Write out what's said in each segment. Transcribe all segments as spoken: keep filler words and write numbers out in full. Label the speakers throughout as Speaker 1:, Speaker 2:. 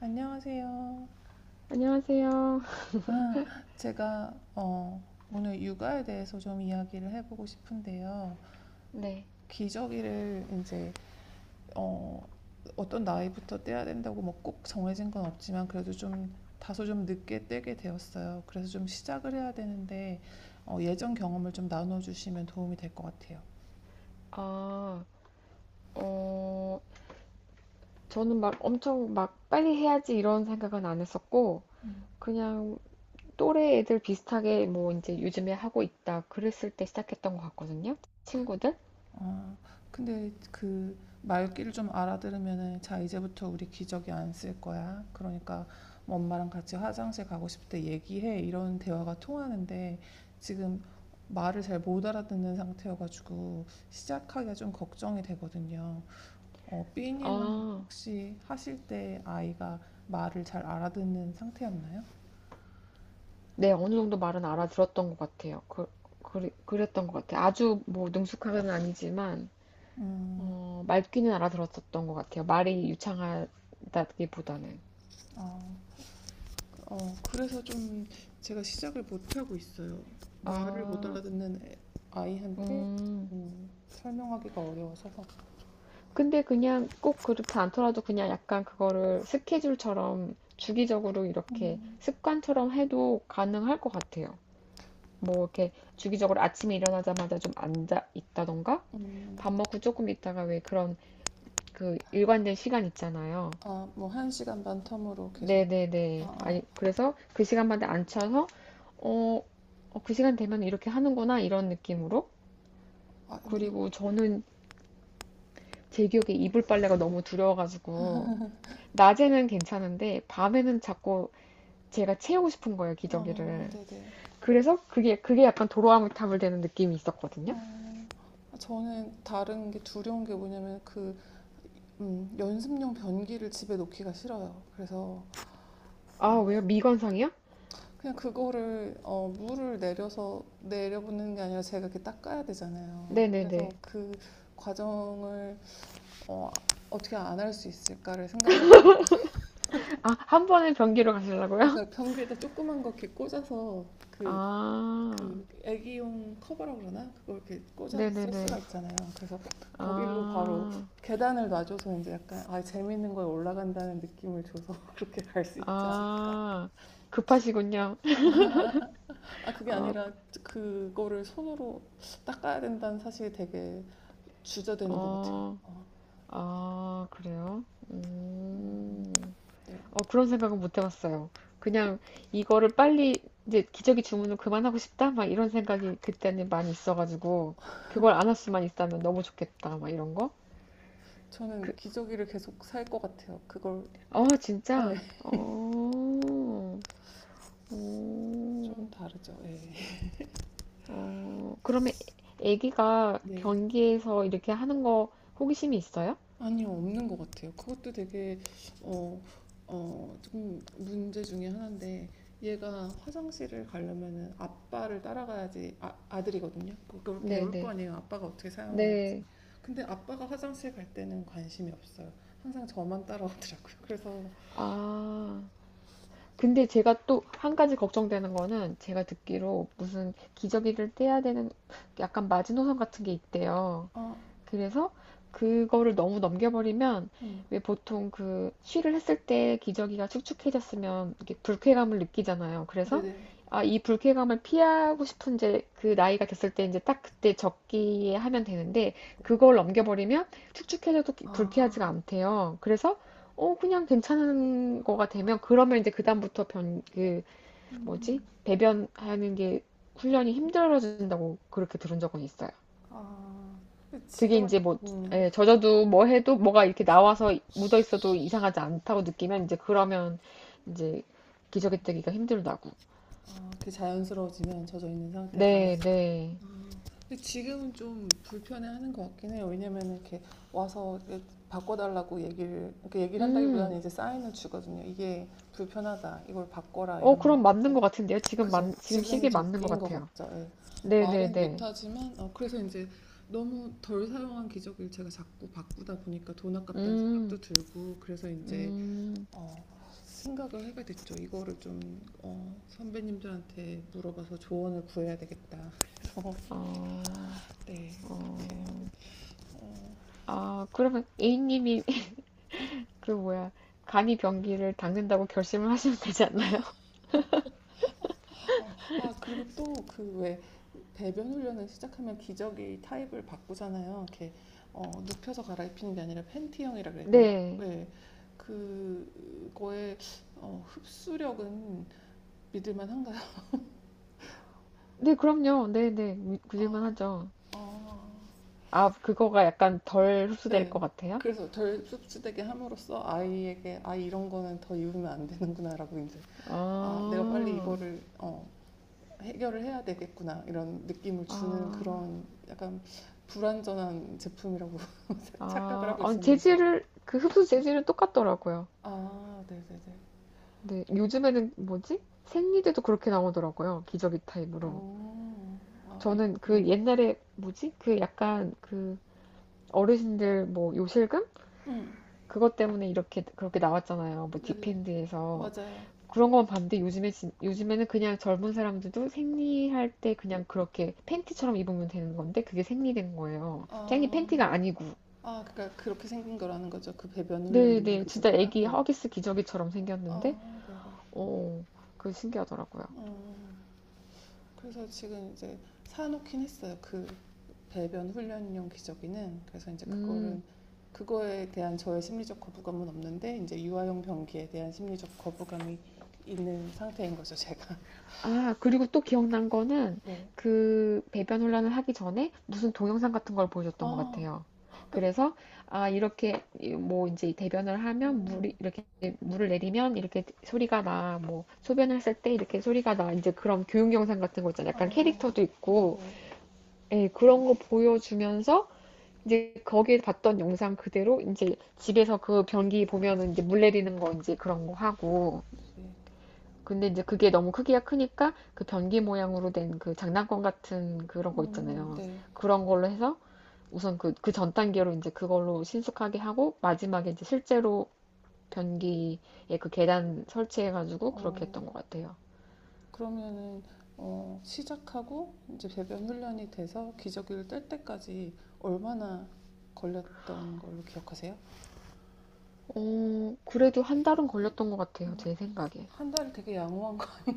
Speaker 1: 안녕하세요.
Speaker 2: 안녕하세요.
Speaker 1: 아, 제가 어, 오늘 육아에 대해서 좀 이야기를 해보고 싶은데요.
Speaker 2: 네.
Speaker 1: 기저귀를 이제 어, 어떤 나이부터 떼야 된다고 뭐 꼭 정해진 건 없지만 그래도 좀 다소 좀 늦게 떼게 되었어요. 그래서 좀 시작을 해야 되는데 어, 예전 경험을 좀 나눠주시면 도움이 될 것 같아요.
Speaker 2: 아, 어, 저는 막 엄청 막 빨리 해야지 이런 생각은 안 했었고, 그냥 또래 애들 비슷하게 뭐 이제 요즘에 하고 있다 그랬을 때 시작했던 것 같거든요. 친구들?
Speaker 1: 어, 근데 그 말귀를 좀 알아들으면은, 자 이제부터 우리 기저귀 안 쓸 거야. 그러니까 뭐 엄마랑 같이 화장실 가고 싶을 때 얘기해. 이런 대화가 통하는데 지금 말을 잘 못 알아듣는 상태여가지고 시작하기가 좀 걱정이 되거든요. 어, B님은
Speaker 2: 아,
Speaker 1: 혹시 하실 때 아이가 말을 잘 알아듣는 상태였나요?
Speaker 2: 네. 어느 정도 말은 알아들었던 것 같아요. 그, 그, 그랬던 것 같아요. 아주 뭐 능숙하게는 아니지만,
Speaker 1: 음.
Speaker 2: 어, 말귀는 알아들었었던 것 같아요. 말이 유창하다기보다는.
Speaker 1: 아. 어, 그래서 좀 제가 시작을 못하고 있어요. 말을 못
Speaker 2: 아,
Speaker 1: 알아듣는 애- 아이한테
Speaker 2: 음.
Speaker 1: 음, 설명하기가 어려워서.
Speaker 2: 근데 그냥 꼭 그렇지 않더라도 그냥 약간 그거를 스케줄처럼 주기적으로 이렇게
Speaker 1: 음.
Speaker 2: 습관처럼 해도 가능할 것 같아요. 뭐 이렇게 주기적으로 아침에 일어나자마자 좀 앉아 있다던가
Speaker 1: 음.
Speaker 2: 밥
Speaker 1: 음.
Speaker 2: 먹고 조금 있다가 왜 그런 그 일관된 시간 있잖아요.
Speaker 1: 아, 뭐, 한 시간 반 텀으로 계속.
Speaker 2: 네네네.
Speaker 1: 아, 아,
Speaker 2: 아니, 그래서 그 시간마다 앉혀서 어, 어, 그 시간 되면 이렇게 하는구나 이런 느낌으로.
Speaker 1: 아, 근데, 이-
Speaker 2: 그리고 저는 제 기억에 이불 빨래가 너무 두려워가지고 낮에는 괜찮은데 밤에는 자꾸 제가 채우고 싶은 거예요,
Speaker 1: 아,
Speaker 2: 기저귀를.
Speaker 1: 네네.
Speaker 2: 그래서 그게 그게 약간 도로아미타불되는 느낌이 있었거든요.
Speaker 1: 어, 아, 저는 다른 게 두려운 게 뭐냐면 그, 음, 연습용 변기를 집에 놓기가 싫어요. 그래서,
Speaker 2: 아,
Speaker 1: 아,
Speaker 2: 왜요? 미관상이요?
Speaker 1: 그냥 그거를, 어, 물을 내려서 내려보는 게 아니라 제가 이렇게 닦아야 되잖아요. 그래서
Speaker 2: 네네네.
Speaker 1: 그 과정을 어, 떻게 안 할 수 있을까를 생각을 하고.
Speaker 2: 아, 한 번에 변기로 가시려고요?
Speaker 1: 아까 변기에다 조그만 거 이렇게 꽂아서, 그,
Speaker 2: 아,
Speaker 1: 그 애기용 커버라고 그러나? 그걸 이렇게 꽂아서 쓸 수가
Speaker 2: 네네네.
Speaker 1: 있잖아요. 그래서 거기로 바로
Speaker 2: 아,
Speaker 1: 계단을 놔줘서 이제 약간 아 재밌는 거에 올라간다는 느낌을 줘서 그렇게 갈 수 있지 않을까?
Speaker 2: 아, 급하시군요.
Speaker 1: 아 그게
Speaker 2: 어,
Speaker 1: 아니라 그, 그거를 손으로 닦아야 된다는 사실이 되게 주저되는 것 같아요.
Speaker 2: 어,
Speaker 1: 아,
Speaker 2: 아, 그래요? 음.
Speaker 1: 네.
Speaker 2: 어, 그런 생각은 못 해봤어요.
Speaker 1: 그-
Speaker 2: 그냥 이거를 빨리 이제 기저귀 주문을 그만하고 싶다? 막 이런 생각이 그때는 많이 있어가지고 그걸 안 할 수만 있다면 너무 좋겠다. 막 이런 거. 그,
Speaker 1: 저는 기저귀를 계속 살 것 같아요. 그걸.
Speaker 2: 어,
Speaker 1: 아, 예.
Speaker 2: 진짜? 어, 어,
Speaker 1: 좀 다르죠. 예.
Speaker 2: 어. 그러면 애기가
Speaker 1: 네.
Speaker 2: 변기에서 이렇게 하는 거 호기심이 있어요?
Speaker 1: 아니요, 없는 것 같아요. 그것도 되게 어, 어, 좀 문제 중에 하나인데 얘가 화장실을 가려면은 아빠를 따라가야지. 아, 아들이거든요. 그걸 배울 거
Speaker 2: 네네.
Speaker 1: 아니에요. 아빠가 어떻게
Speaker 2: 네.
Speaker 1: 사용하는지.
Speaker 2: 네.
Speaker 1: 근데 아빠가 화장실 갈 때는 관심이 없어요. 항상 저만 따라오더라고요. 그래서.
Speaker 2: 아. 근데 제가 또 한 가지 걱정되는 거는 제가 듣기로 무슨 기저귀를 떼야 되는 약간 마지노선 같은 게 있대요.
Speaker 1: 아,
Speaker 2: 그래서 그거를 너무 넘겨버리면
Speaker 1: 음,
Speaker 2: 왜 보통 그 쉬를 했을 때 기저귀가 축축해졌으면 이렇게 불쾌감을 느끼잖아요. 그래서
Speaker 1: 네네.
Speaker 2: 아, 이 불쾌감을 피하고 싶은 이제 그 나이가 됐을 때 이제 딱 그때 적기에 하면 되는데 그걸 넘겨버리면 축축해져도 불쾌하지가
Speaker 1: 아,
Speaker 2: 않대요. 그래서 어 그냥 괜찮은 거가 되면 그러면 이제 그다음부터 변 그 뭐지
Speaker 1: 음.
Speaker 2: 배변하는 게 훈련이 힘들어진다고 그렇게 들은 적은 있어요.
Speaker 1: 아, 근데
Speaker 2: 그게
Speaker 1: 지금은,
Speaker 2: 이제 뭐
Speaker 1: 음,
Speaker 2: 예, 젖어도 뭐 해도 뭐가 이렇게 나와서 묻어 있어도 이상하지 않다고 느끼면 이제 그러면 이제 기저귀 떼기가 힘들다고.
Speaker 1: 아, 그게 자연스러워지면 젖어 있는 상태가.
Speaker 2: 네, 네.
Speaker 1: 아, 근데 지금은 좀 불편해하는 것 같긴 해요. 왜냐면 이렇게 와서 이렇게 바꿔달라고 얘기를, 이렇게 얘기를
Speaker 2: 음.
Speaker 1: 한다기보다는 이제 사인을 주거든요. 이게 불편하다. 이걸 바꿔라.
Speaker 2: 어,
Speaker 1: 이런.
Speaker 2: 그럼 맞는
Speaker 1: 네,
Speaker 2: 것 같은데요. 지금
Speaker 1: 그죠.
Speaker 2: 맞 지금
Speaker 1: 지금이
Speaker 2: 시기에 맞는 것
Speaker 1: 적기인 것
Speaker 2: 같아요.
Speaker 1: 같죠. 예.
Speaker 2: 네, 네,
Speaker 1: 말은
Speaker 2: 네.
Speaker 1: 못하지만, 어, 그래서 이제 너무 덜 사용한 기저귀를 제가 자꾸 바꾸다 보니까 돈 아깝다는 생각도
Speaker 2: 음.
Speaker 1: 들고, 그래서 이제
Speaker 2: 음.
Speaker 1: 어, 생각을 하게 됐죠. 이거를 좀 어, 선배님들한테 물어봐서 조언을 구해야 되겠다. 그래서
Speaker 2: 어.
Speaker 1: 네 그렇게 하고.
Speaker 2: 어.
Speaker 1: 어,
Speaker 2: 아, 그러면 A님이 그 뭐야 간이 병기를 닦는다고 결심을 하시면 되지 않나요?
Speaker 1: 어, 아 그리고 또 그 왜 배변 훈련을 시작하면 기저귀 타입을 바꾸잖아요. 이렇게 어, 눕혀서 갈아입히는 게 아니라 팬티형이라 그래야 되나?
Speaker 2: 네.
Speaker 1: 네, 그거의 어, 흡수력은 믿을만한가요?
Speaker 2: 네, 그럼요. 네, 네. 그- 그럴만
Speaker 1: 아,
Speaker 2: 하죠.
Speaker 1: 아,
Speaker 2: 아, 그거가 약간 덜 흡수될 것
Speaker 1: 네.
Speaker 2: 같아요?
Speaker 1: 그래서 덜 씁쓸하게 함으로써 아이에게 아 이런 거는 더 입으면 안 되는구나라고 이제 아 내가 빨리
Speaker 2: 아,
Speaker 1: 이거를 어, 해결을 해야 되겠구나 이런 느낌을 주는
Speaker 2: 아,
Speaker 1: 그런 약간 불완전한 제품이라고 착각을
Speaker 2: 아,
Speaker 1: 하고
Speaker 2: 아니,
Speaker 1: 있었네요 지금.
Speaker 2: 재질을, 그 흡수 재질은 똑같더라고요.
Speaker 1: 아 네네네.
Speaker 2: 근데 요즘에는 뭐지? 생리대도 그렇게 나오더라고요. 기저귀 타입으로.
Speaker 1: 어, 아 입,
Speaker 2: 저는 그
Speaker 1: 음,
Speaker 2: 옛날에 뭐지? 그 약간 그 어르신들 뭐 요실금?
Speaker 1: 음,
Speaker 2: 그것 때문에 이렇게, 그렇게 나왔잖아요. 뭐
Speaker 1: 네네. 아,
Speaker 2: 디펜드에서.
Speaker 1: 맞아요.
Speaker 2: 그런 건 봤는데 요즘에 진- 요즘에는 그냥 젊은 사람들도 생리할 때 그냥 그렇게 팬티처럼 입으면 되는 건데 그게 생리된 거예요. 생리 팬티가
Speaker 1: 아,
Speaker 2: 아니고.
Speaker 1: 아 그러니까 그렇게 생긴 거라는 거죠. 그 배변 훈련용
Speaker 2: 네네, 진짜
Speaker 1: 기저귀가.
Speaker 2: 애기
Speaker 1: 네.
Speaker 2: 허기스 기저귀처럼
Speaker 1: 아
Speaker 2: 생겼는데,
Speaker 1: 네네.
Speaker 2: 어, 그게 신기하더라고요.
Speaker 1: 음. 그래서 지금 이제 사놓긴 했어요. 그 배변 훈련용 기저귀는. 그래서 이제 그거를
Speaker 2: 음.
Speaker 1: 그거에 대한 저의 심리적 거부감은 없는데 이제 유아용 변기에 대한 심리적 거부감이 있는 상태인 거죠, 제가.
Speaker 2: 아, 그리고 또 기억난 거는
Speaker 1: 네.
Speaker 2: 그 배변 혼란을 하기 전에 무슨 동영상 같은 걸 보여줬던 것
Speaker 1: 아,
Speaker 2: 같아요. 그래서 아, 이렇게 뭐 이제 대변을 하면 물이
Speaker 1: 음,
Speaker 2: 이렇게 물을 내리면 이렇게 소리가 나. 뭐 소변을 했을 때 이렇게 소리가 나. 이제 그런 교육 영상 같은 거 있잖아요. 약간
Speaker 1: 아,
Speaker 2: 캐릭터도
Speaker 1: 네네,
Speaker 2: 있고. 예, 그런 거 보여주면서 이제 거기에 봤던 영상 그대로 이제 집에서 그 변기 보면은 이제 물 내리는 거 이제 그런 거 하고
Speaker 1: 네네,
Speaker 2: 근데 이제 그게 너무 크기가 크니까 그 변기 모양으로 된 그 장난감 같은 그런 거
Speaker 1: 음,
Speaker 2: 있잖아요.
Speaker 1: 네.
Speaker 2: 그런 걸로 해서 우선 그, 그 전 단계로 이제 그걸로 신속하게 하고 마지막에 이제 실제로 변기에 그 계단 설치해가지고 그렇게
Speaker 1: 어,
Speaker 2: 했던 것 같아요.
Speaker 1: 그러면은 어, 시작하고 이제 배변 훈련이 돼서 기저귀를 뗄 때까지 얼마나 걸렸던 걸로 기억하세요?
Speaker 2: 어, 그래도 한 달은 걸렸던 것 같아요. 제 생각에.
Speaker 1: 한 달이 되게 양호한 거.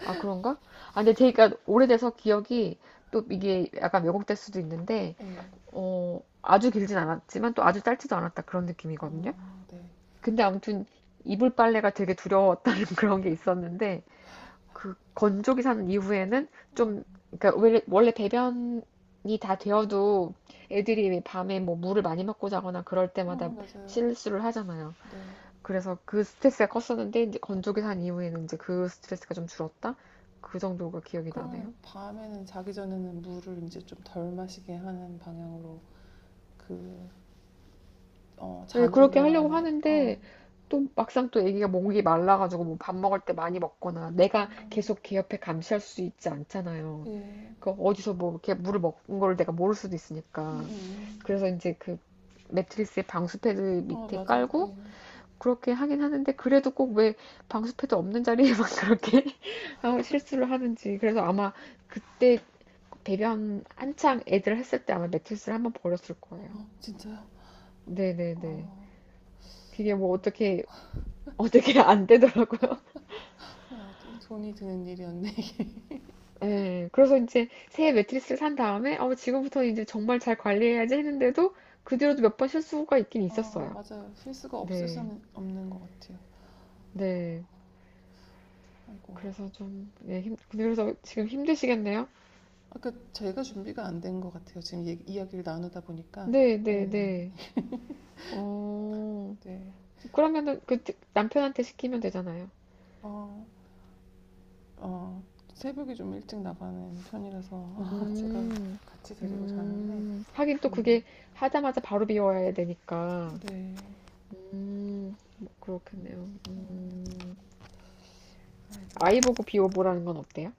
Speaker 2: 아, 그런가? 아, 근데 제가 오래돼서 기억이 또 이게 약간 왜곡될 수도 있는데,
Speaker 1: 네.
Speaker 2: 어, 아주 길진 않았지만 또 아주 짧지도 않았다 그런 느낌이거든요.
Speaker 1: 아, 네.
Speaker 2: 근데 아무튼 이불 빨래가 되게 두려웠다는 그런 게 있었는데 그 건조기 산 이후에는 좀 그러니까 원래, 원래 배변이 다 되어도 애들이 왜 밤에 뭐 물을 많이 먹고 자거나 그럴 때마다
Speaker 1: 음, 맞아요.
Speaker 2: 실수를 하잖아요.
Speaker 1: 네.
Speaker 2: 그래서 그 스트레스가 컸었는데 이제 건조기 산 이후에는 이제 그 스트레스가 좀 줄었다? 그 정도가 기억이
Speaker 1: 그러면
Speaker 2: 나네요.
Speaker 1: 밤에는 자기 전에는 물을 이제 좀 덜 마시게 하는 방향으로, 그, 어,
Speaker 2: 네,
Speaker 1: 자는
Speaker 2: 그렇게 하려고
Speaker 1: 동안에, 어,
Speaker 2: 하는데 또 막상 또 애기가 목이 말라가지고 뭐 밥 먹을 때 많이 먹거나
Speaker 1: 어,
Speaker 2: 내가 계속 걔 옆에 감시할 수 있지 않잖아요.
Speaker 1: 예. 음,
Speaker 2: 그 어디서 뭐 이렇게 물을 먹은 걸 내가 모를 수도
Speaker 1: 음,
Speaker 2: 있으니까.
Speaker 1: 음.
Speaker 2: 그래서 이제 그 매트리스에 방수 패드
Speaker 1: 어,
Speaker 2: 밑에
Speaker 1: 맞아요.
Speaker 2: 깔고
Speaker 1: 네.
Speaker 2: 그렇게 하긴 하는데 그래도 꼭 왜 방수 패드 없는 자리에만 그렇게 아무 실수를 하는지. 그래서 아마 그때 배변 한창 애들 했을 때 아마 매트리스를 한번 버렸을 거예요.
Speaker 1: 어, 진짜요? 아,
Speaker 2: 네네네. 그게 뭐 어떻게 어떻게 안 되더라고요.
Speaker 1: 야, 되게 돈이 드는 일이었네, 이게.
Speaker 2: 예. 그래서 이제 새 매트리스를 산 다음에 어 지금부터 이제 정말 잘 관리해야지 했는데도 그 뒤로도 몇 번 실수가 있긴
Speaker 1: 아,
Speaker 2: 있었어요.
Speaker 1: 맞아요. 필수가 없을
Speaker 2: 네,
Speaker 1: 수는 없는 것 같아요.
Speaker 2: 네.
Speaker 1: 아이고.
Speaker 2: 그래서 좀, 네, 힘, 근데 그래서 지금 힘드시겠네요?
Speaker 1: 아까 제가 준비가 안 된 것 같아요. 지금 얘기- 이야기를 나누다 보니까.
Speaker 2: 네,
Speaker 1: 네.
Speaker 2: 네, 네. 어,
Speaker 1: 네.
Speaker 2: 그러면은 그 드- 남편한테 시키면 되잖아요.
Speaker 1: 어, 어, 새벽에 좀 일찍 나가는 편이라서 제가
Speaker 2: 음,
Speaker 1: 같이 데리고 자는데.
Speaker 2: 음. 하긴 또
Speaker 1: 음,
Speaker 2: 그게 하자마자 바로 비워야 되니까.
Speaker 1: 네.
Speaker 2: 음, 뭐 그렇겠네요. 음. 아이
Speaker 1: 아이고.
Speaker 2: 보고 비워보라는 건 어때요?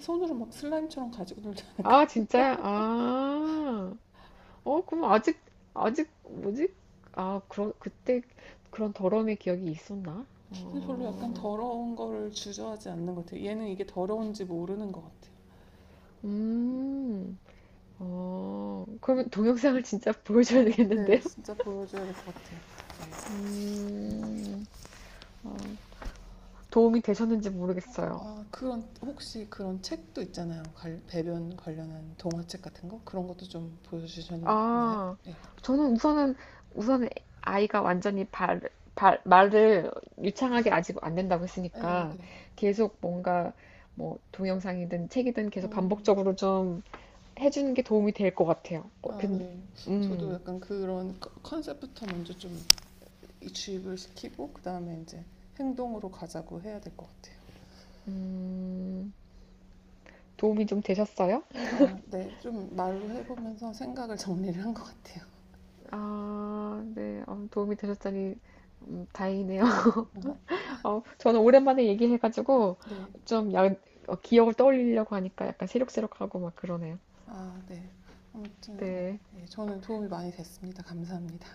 Speaker 1: 손으로 막 슬라임처럼 가지고 놀지 않을까.
Speaker 2: 아, 진짜요? 아. 어, 그럼 아직, 아직, 뭐지? 아, 그런, 그때 그런 더러움의 기억이 있었나?
Speaker 1: 별로 약간
Speaker 2: 어,
Speaker 1: 더러운 거를 주저하지 않는 것 같아요. 얘는 이게 더러운지 모르는 것 같아요.
Speaker 2: 음, 어, 그러면 동영상을 진짜 보여줘야
Speaker 1: 아, 네
Speaker 2: 되겠는데요?
Speaker 1: 진짜 보여줘야 될 것 같아요. 네. 음.
Speaker 2: 음, 어, 도움이 되셨는지 모르겠어요.
Speaker 1: 아 그런 혹시 그런 책도 있잖아요. 갈- 배변 관련한 동화책 같은 거, 그런 것도 좀 보여주셨나요? 네,
Speaker 2: 아,
Speaker 1: 네,
Speaker 2: 저는 우선은, 우선은 아이가 완전히 발, 발, 말을 유창하게 아직 안 된다고
Speaker 1: 네.
Speaker 2: 했으니까
Speaker 1: 네.
Speaker 2: 계속 뭔가 뭐 동영상이든 책이든 계속
Speaker 1: 음.
Speaker 2: 반복적으로 좀 해주는 게 도움이 될 것 같아요. 어,
Speaker 1: 아,
Speaker 2: 근,
Speaker 1: 네. 저도
Speaker 2: 음,
Speaker 1: 약간 그런 컨- 컨셉부터 먼저 좀 주입을 시키고, 그 다음에 이제 행동으로 가자고 해야 될 것 같아요.
Speaker 2: 음, 도움이 좀 되셨어요?
Speaker 1: 아, 네. 좀 말로 해보면서 생각을 정리를 한 것 같아요.
Speaker 2: 아, 네, 어, 도움이 되셨다니 음, 다행이네요.
Speaker 1: 아,
Speaker 2: 어, 저는 오랜만에 얘기해가지고
Speaker 1: 네.
Speaker 2: 좀 야, 어, 기억을 떠올리려고 하니까 약간 새록새록하고 막 그러네요.
Speaker 1: 아, 네. 아무튼, 어,
Speaker 2: 네,
Speaker 1: 예, 저는 도움이 많이 됐습니다. 감사합니다.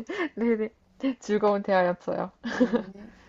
Speaker 2: 네네, 즐거운 대화였어요.
Speaker 1: 네.